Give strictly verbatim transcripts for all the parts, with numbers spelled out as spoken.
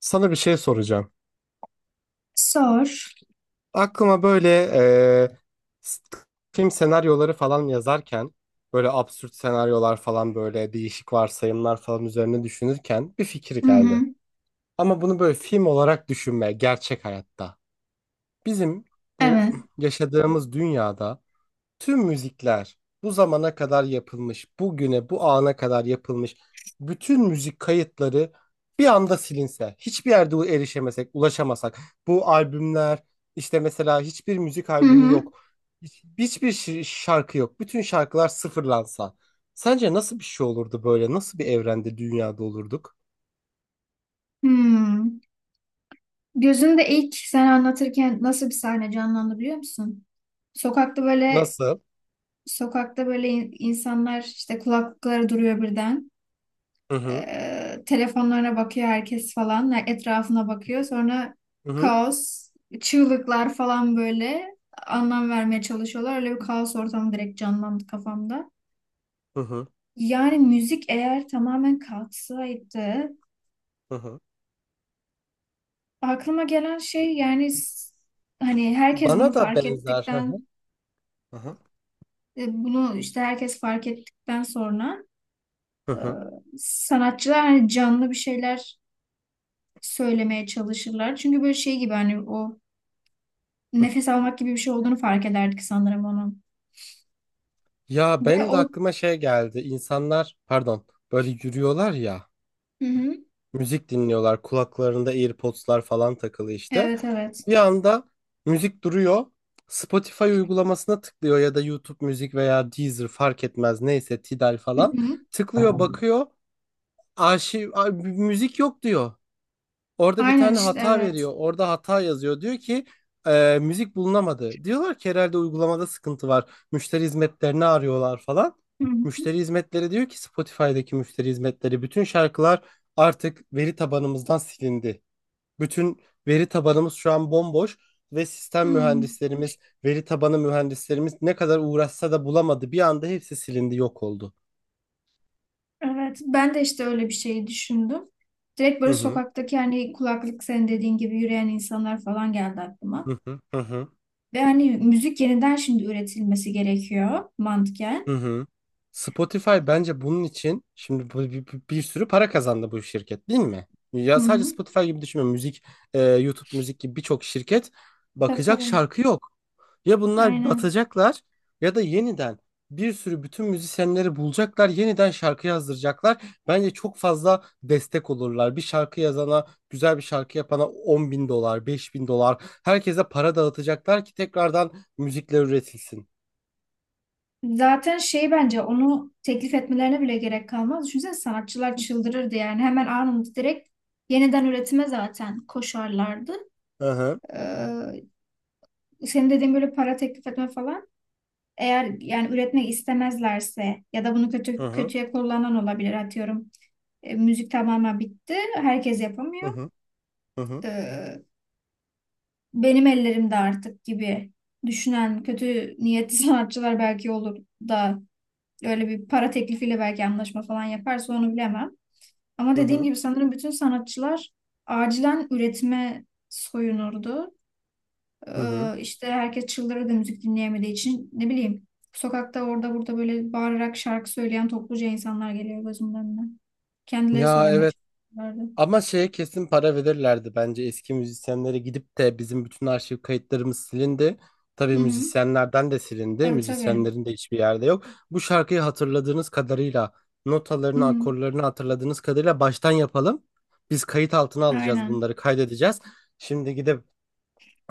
Sana bir şey soracağım. Sor. Aklıma böyle e, s- film senaryoları falan yazarken böyle absürt senaryolar falan böyle değişik varsayımlar falan üzerine düşünürken bir fikir Hı geldi. hı. Ama bunu böyle film olarak düşünme gerçek hayatta. Bizim bu Evet. yaşadığımız dünyada tüm müzikler bu zamana kadar yapılmış, bugüne, bu ana kadar yapılmış bütün müzik kayıtları bir anda silinse, hiçbir yerde erişemesek, ulaşamasak, bu albümler, işte mesela hiçbir müzik Hı albümü hı. yok, hiç- hiçbir şi- şarkı yok, bütün şarkılar sıfırlansa, sence nasıl bir şey olurdu böyle? Nasıl bir evrende, dünyada olurduk? Hmm. Gözünde ilk sen anlatırken nasıl bir sahne canlandı biliyor musun? Sokakta böyle Nasıl? sokakta böyle in- insanlar işte kulaklıkları duruyor birden. Hı hı, Ee, telefonlarına bakıyor herkes falan. Yani etrafına bakıyor. Sonra hı hı, kaos, çığlıklar falan böyle anlam vermeye çalışıyorlar. Öyle bir kaos ortamı direkt canlandı kafamda. hı hı, Yani müzik eğer tamamen kalksaydı hı hı. aklıma gelen şey yani s- hani herkes bunu Bana da fark benzer. Hı hı, ettikten hı hı, e, bunu işte herkes fark ettikten sonra, hı e, hı. sanatçılar hani canlı bir şeyler söylemeye çalışırlar. Çünkü böyle şey gibi hani o nefes almak gibi bir şey olduğunu fark ederdik sanırım onun. Ya Ve benim de o aklıma şey geldi. İnsanlar pardon böyle yürüyorlar ya Hı hı. müzik dinliyorlar kulaklarında AirPods'lar falan takılı işte. Evet evet. Bir anda müzik duruyor. Spotify uygulamasına tıklıyor ya da YouTube müzik veya Deezer fark etmez neyse Tidal Hı falan. hı. Tıklıyor bakıyor arşiv a- müzik yok diyor. Orada bir Aynen tane işte hata evet. veriyor. Orada hata yazıyor. Diyor ki e, müzik bulunamadı. Diyorlar ki herhalde uygulamada sıkıntı var. Müşteri hizmetlerini arıyorlar falan. Hı hı. Müşteri hizmetleri diyor ki, Spotify'daki müşteri hizmetleri, bütün şarkılar artık veri tabanımızdan silindi. Bütün veri tabanımız şu an bomboş ve sistem Hı. mühendislerimiz, veri tabanı mühendislerimiz ne kadar uğraşsa da bulamadı. Bir anda hepsi silindi, yok oldu. Evet, ben de işte öyle bir şey düşündüm. Direkt böyle Hı hı. sokaktaki hani kulaklık senin dediğin gibi yürüyen insanlar falan geldi aklıma. Hı hı. Hı hı. Ve hani müzik yeniden şimdi üretilmesi gerekiyor mantıken. Hı hı. Spotify bence bunun için şimdi bu- bir, bir, bir sürü para kazandı bu şirket, değil mi? Hı Ya sadece hı. Spotify gibi düşünme. Müzik, e, YouTube müzik gibi birçok şirket Tabii bakacak, tabii. şarkı yok. Ya bunlar Aynen. batacaklar ya da yeniden bir sürü bütün müzisyenleri bulacaklar, yeniden şarkı yazdıracaklar. Bence çok fazla destek olurlar. Bir şarkı yazana, güzel bir şarkı yapana on bin dolar, beş bin dolar. Herkese para dağıtacaklar ki tekrardan müzikler üretilsin. Zaten şey bence onu teklif etmelerine bile gerek kalmaz. Düşünsene, sanatçılar çıldırırdı yani. Hemen anında direkt yeniden üretime zaten koşarlardı. Hı hı. Ee, Senin dediğin böyle para teklif etme falan. Eğer yani üretmek istemezlerse ya da bunu Hı kötü hı. kötüye kullanan olabilir atıyorum. E, müzik tamamen bitti. Herkes Hı yapamıyor. hı. Hı hı. Ee, Benim ellerimde artık gibi düşünen kötü niyetli sanatçılar belki olur da öyle bir para teklifiyle belki anlaşma falan yaparsa onu bilemem. Ama Hı dediğim hı. gibi sanırım bütün sanatçılar acilen üretime soyunurdu. Hı hı. Ee, işte herkes çıldırırdı müzik dinleyemediği için. Ne bileyim, sokakta orada burada böyle bağırarak şarkı söyleyen topluca insanlar geliyor gözümün önüne. Kendileri Ya söylemeye evet. çalışıyorlardı. Ama şeye kesin para verirlerdi bence, eski müzisyenlere gidip de bizim bütün arşiv kayıtlarımız silindi. Tabii Hı hı. müzisyenlerden de silindi. Tabii tabii. Müzisyenlerin de hiçbir yerde yok. Bu şarkıyı hatırladığınız kadarıyla, Hı notalarını, hı. akorlarını hatırladığınız kadarıyla baştan yapalım. Biz kayıt altına alacağız Aynen. bunları, kaydedeceğiz. Şimdi gidip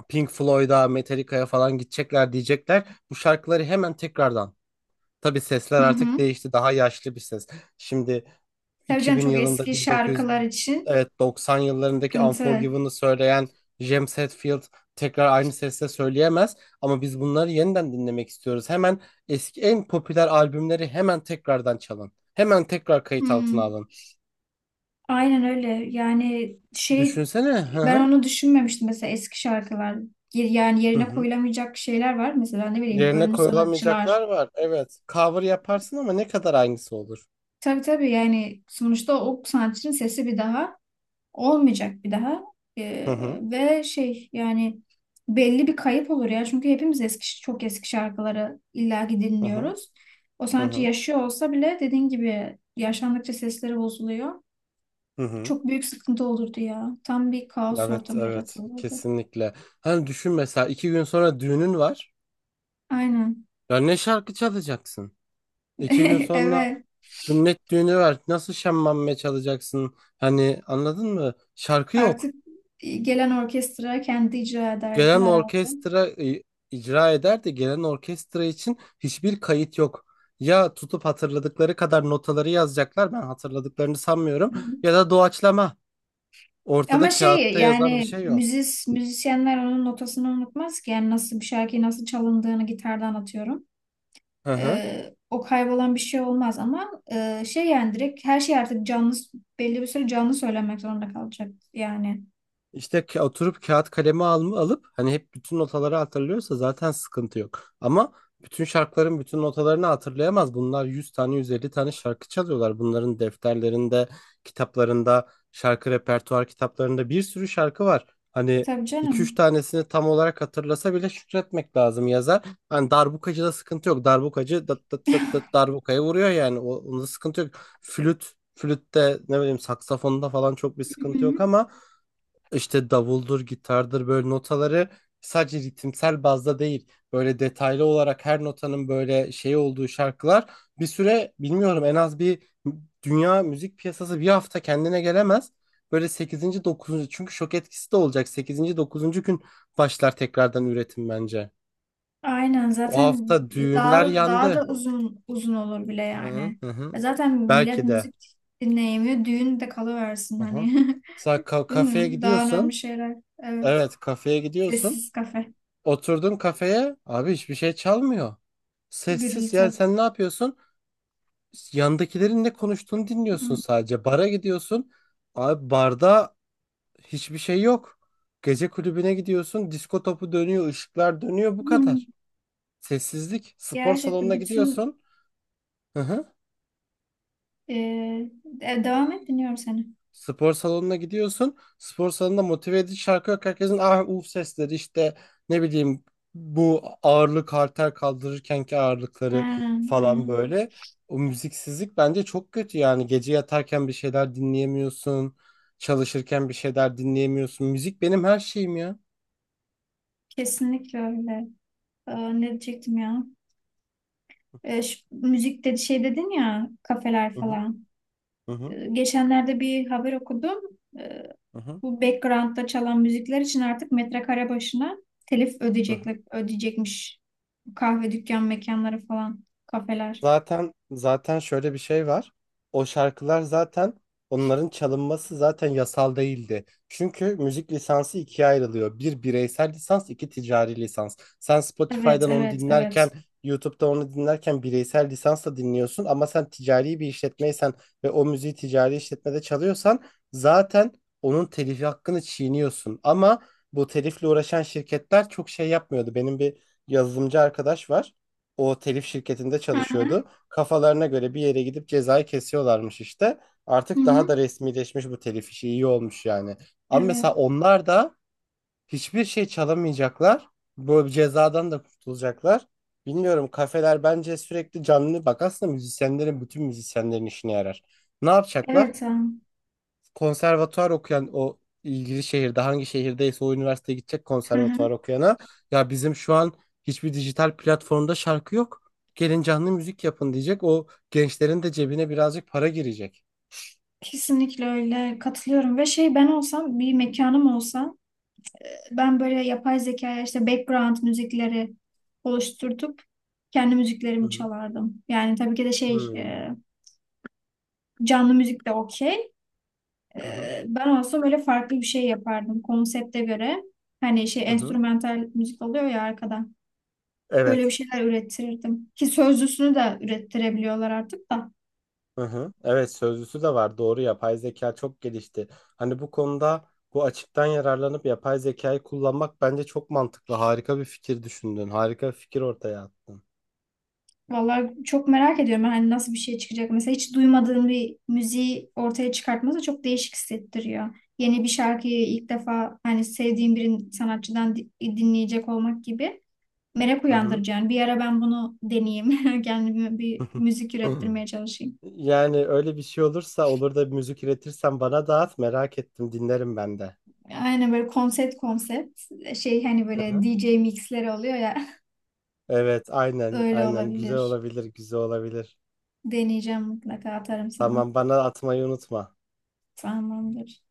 Pink Floyd'a, Metallica'ya falan gidecekler, diyecekler bu şarkıları hemen tekrardan. Tabii sesler Hı artık hı. değişti. Daha yaşlı bir ses. Şimdi Tabii canım, iki bin çok yılında, eski bin dokuz yüz şarkılar için evet doksan yıllarındaki sıkıntı. Unforgiven'ı söyleyen James Hetfield tekrar aynı sesle söyleyemez ama biz bunları yeniden dinlemek istiyoruz. Hemen eski en popüler albümleri hemen tekrardan çalın. Hemen tekrar kayıt altına Hmm, alın. aynen öyle. Yani şey, Düşünsene. Hı ben hı. onu düşünmemiştim mesela eski şarkılar. Yer- Yani Hı yerine hı. koyulamayacak şeyler var. Mesela ne bileyim, Yerine ölmüş sanatçılar. koyulamayacaklar var. Evet. Cover yaparsın ama ne kadar aynısı olur. Tabii tabii, yani sonuçta o sanatçının sesi bir daha olmayacak bir daha. Hı Ee, hı. Ve şey yani belli bir kayıp olur ya. Çünkü hepimiz eski çok eski şarkıları illaki Hı hı. dinliyoruz. O Hı sanatçı hı. yaşıyor olsa bile dediğin gibi yaşlandıkça sesleri bozuluyor. Hı hı. Çok büyük sıkıntı olurdu ya. Tam bir kaos Evet, ortamı evet. yaratılırdı. Kesinlikle. Hani düşün, mesela iki gün sonra düğünün var. Aynen. Ya ne şarkı çalacaksın? İki gün sonra Evet. sünnet düğünü var. Nasıl şemmame çalacaksın? Hani anladın mı? Şarkı yok. Artık gelen orkestra kendi icra ederdi Gelen herhalde. orkestra e, icra eder de gelen orkestra için hiçbir kayıt yok. Ya tutup hatırladıkları kadar notaları yazacaklar. Ben hatırladıklarını sanmıyorum. Ya da doğaçlama. Ama Ortada şey kağıtta yazan bir yani şey yok. müzis müzisyenler onun notasını unutmaz ki. Yani nasıl bir şarkıyı nasıl çalındığını gitardan atıyorum. Hı hı. Ee, o kaybolan bir şey olmaz ama e, şey yani direkt her şey artık canlı, belli bir süre canlı söylemek zorunda kalacak yani. İşte ka- oturup kağıt kalemi alma, alıp hani hep bütün notaları hatırlıyorsa zaten sıkıntı yok. Ama bütün şarkıların bütün notalarını hatırlayamaz. Bunlar yüz tane, yüz elli tane şarkı çalıyorlar. Bunların defterlerinde, kitaplarında, şarkı repertuar kitaplarında bir sürü şarkı var. Hani Tabii iki üç canım. tanesini tam olarak hatırlasa bile şükretmek lazım yazar. Hani darbukacıda sıkıntı yok. Darbukacı dıt dıt dıt dıt darbukaya vuruyor yani. O, onda sıkıntı yok. Flüt, flütte ne bileyim, saksafonda falan çok bir sıkıntı yok ama işte davuldur, gitardır, böyle notaları sadece ritimsel bazda değil böyle detaylı olarak her notanın böyle şey olduğu şarkılar bir süre, bilmiyorum en az bir, dünya müzik piyasası bir hafta kendine gelemez. Böyle sekizinci dokuzuncu, çünkü şok etkisi de olacak, sekizinci dokuzuncu gün başlar tekrardan üretim bence. Aynen O zaten hafta düğünler daha daha da yandı. uzun uzun olur bile Hı yani. hı. Hı. E zaten millet Belki de. müzik dinleyemiyor. Düğün de kalıversin Hı hı. hani. Sen ka- Değil kafeye mi? Daha önemli gidiyorsun. şeyler. Evet. Evet, kafeye gidiyorsun. Sessiz kafe. Oturdun kafeye, abi hiçbir şey çalmıyor. Sessiz, yani Gürültü. sen ne yapıyorsun? Yandakilerin ne konuştuğunu dinliyorsun Hmm. sadece. Bara gidiyorsun. Abi barda hiçbir şey yok. Gece kulübüne gidiyorsun. Disko topu dönüyor, ışıklar dönüyor, bu Hmm. kadar. Sessizlik. Spor Gerçekten salonuna bütün gidiyorsun. Hı hı. e, e, devam et, dinliyorum seni. Spor salonuna gidiyorsun. Spor salonunda motive edici şarkı yok. Herkesin ah uf sesleri, işte ne bileyim, bu ağırlık halter kaldırırkenki ağırlıkları Aynen, falan aynen. böyle. O müziksizlik bence çok kötü yani. Gece yatarken bir şeyler dinleyemiyorsun. Çalışırken bir şeyler dinleyemiyorsun. Müzik benim her şeyim ya. Kesinlikle öyle. Ee, ne diyecektim ya? Ee, şu müzik dedi şey dedin ya, kafeler falan. Hı hı, Ee, geçenlerde bir haber okudum. E, hı hı. bu background'da çalan müzikler için artık metrekare başına telif Hı hı. ödeyecekler, ödeyecekmiş. Kahve dükkan mekanları falan, kafeler. Zaten zaten şöyle bir şey var. O şarkılar zaten, onların çalınması zaten yasal değildi. Çünkü müzik lisansı ikiye ayrılıyor. Bir bireysel lisans, iki ticari lisans. Sen Evet, Spotify'dan onu evet, dinlerken, evet. YouTube'da onu dinlerken bireysel lisansla dinliyorsun ama sen ticari bir işletmeysen ve o müziği ticari işletmede çalıyorsan zaten onun telifi hakkını çiğniyorsun. Ama bu telifle uğraşan şirketler çok şey yapmıyordu. Benim bir yazılımcı arkadaş var, o telif şirketinde Hı hı. çalışıyordu. Kafalarına göre bir yere gidip cezayı kesiyorlarmış işte. Hı Artık daha hı. da resmileşmiş bu telif işi, iyi olmuş yani. Ama Evet. mesela onlar da hiçbir şey çalamayacaklar. Bu cezadan da kurtulacaklar. Bilmiyorum, kafeler bence sürekli canlı, bak aslında müzisyenlerin, bütün müzisyenlerin işine yarar. Ne yapacaklar? Evet. Am. Konservatuvar okuyan, o ilgili şehirde hangi şehirdeyse o üniversiteye gidecek Hı hı. konservatuvar okuyana, ya bizim şu an hiçbir dijital platformda şarkı yok, gelin canlı müzik yapın diyecek. O gençlerin de cebine birazcık para girecek. Kesinlikle öyle, katılıyorum. Ve şey, ben olsam bir mekanım olsa, ben böyle yapay zekaya işte background müzikleri oluşturtup kendi Hı müziklerimi hı. çalardım. Yani tabii ki de şey, Hmm. e, canlı müzik de okey. Hı hı. Ee, Ben olsam öyle farklı bir şey yapardım konsepte göre. Hani şey, Hı hı. enstrümantal müzik oluyor ya arkada. Öyle bir Evet. şeyler ürettirirdim. Ki sözlüsünü de ürettirebiliyorlar artık da. Hı hı. Evet, sözlüsü de var. Doğru, yapay zeka çok gelişti. Hani bu konuda bu açıktan yararlanıp yapay zekayı kullanmak bence çok mantıklı. Harika bir fikir düşündün. Harika bir fikir ortaya attın. Vallahi çok merak ediyorum hani nasıl bir şey çıkacak. Mesela hiç duymadığın bir müziği ortaya çıkartması çok değişik hissettiriyor. Yeni bir şarkıyı ilk defa hani sevdiğin bir sanatçıdan di- dinleyecek olmak gibi merak Hı hı. uyandırıcı. Yani bir ara ben bunu deneyeyim. Kendime bir Hı hı. müzik ürettirmeye çalışayım. Yani öyle bir şey olursa, olur da bir müzik üretirsen bana dağıt, merak ettim, dinlerim ben de. Aynen böyle konsept konsept şey, hani Hı böyle hı. D J mixleri oluyor ya. Evet aynen, Öyle aynen, güzel olabilir. olabilir, güzel olabilir. Deneyeceğim, mutlaka atarım sana. Tamam, bana atmayı unutma. Tamamdır.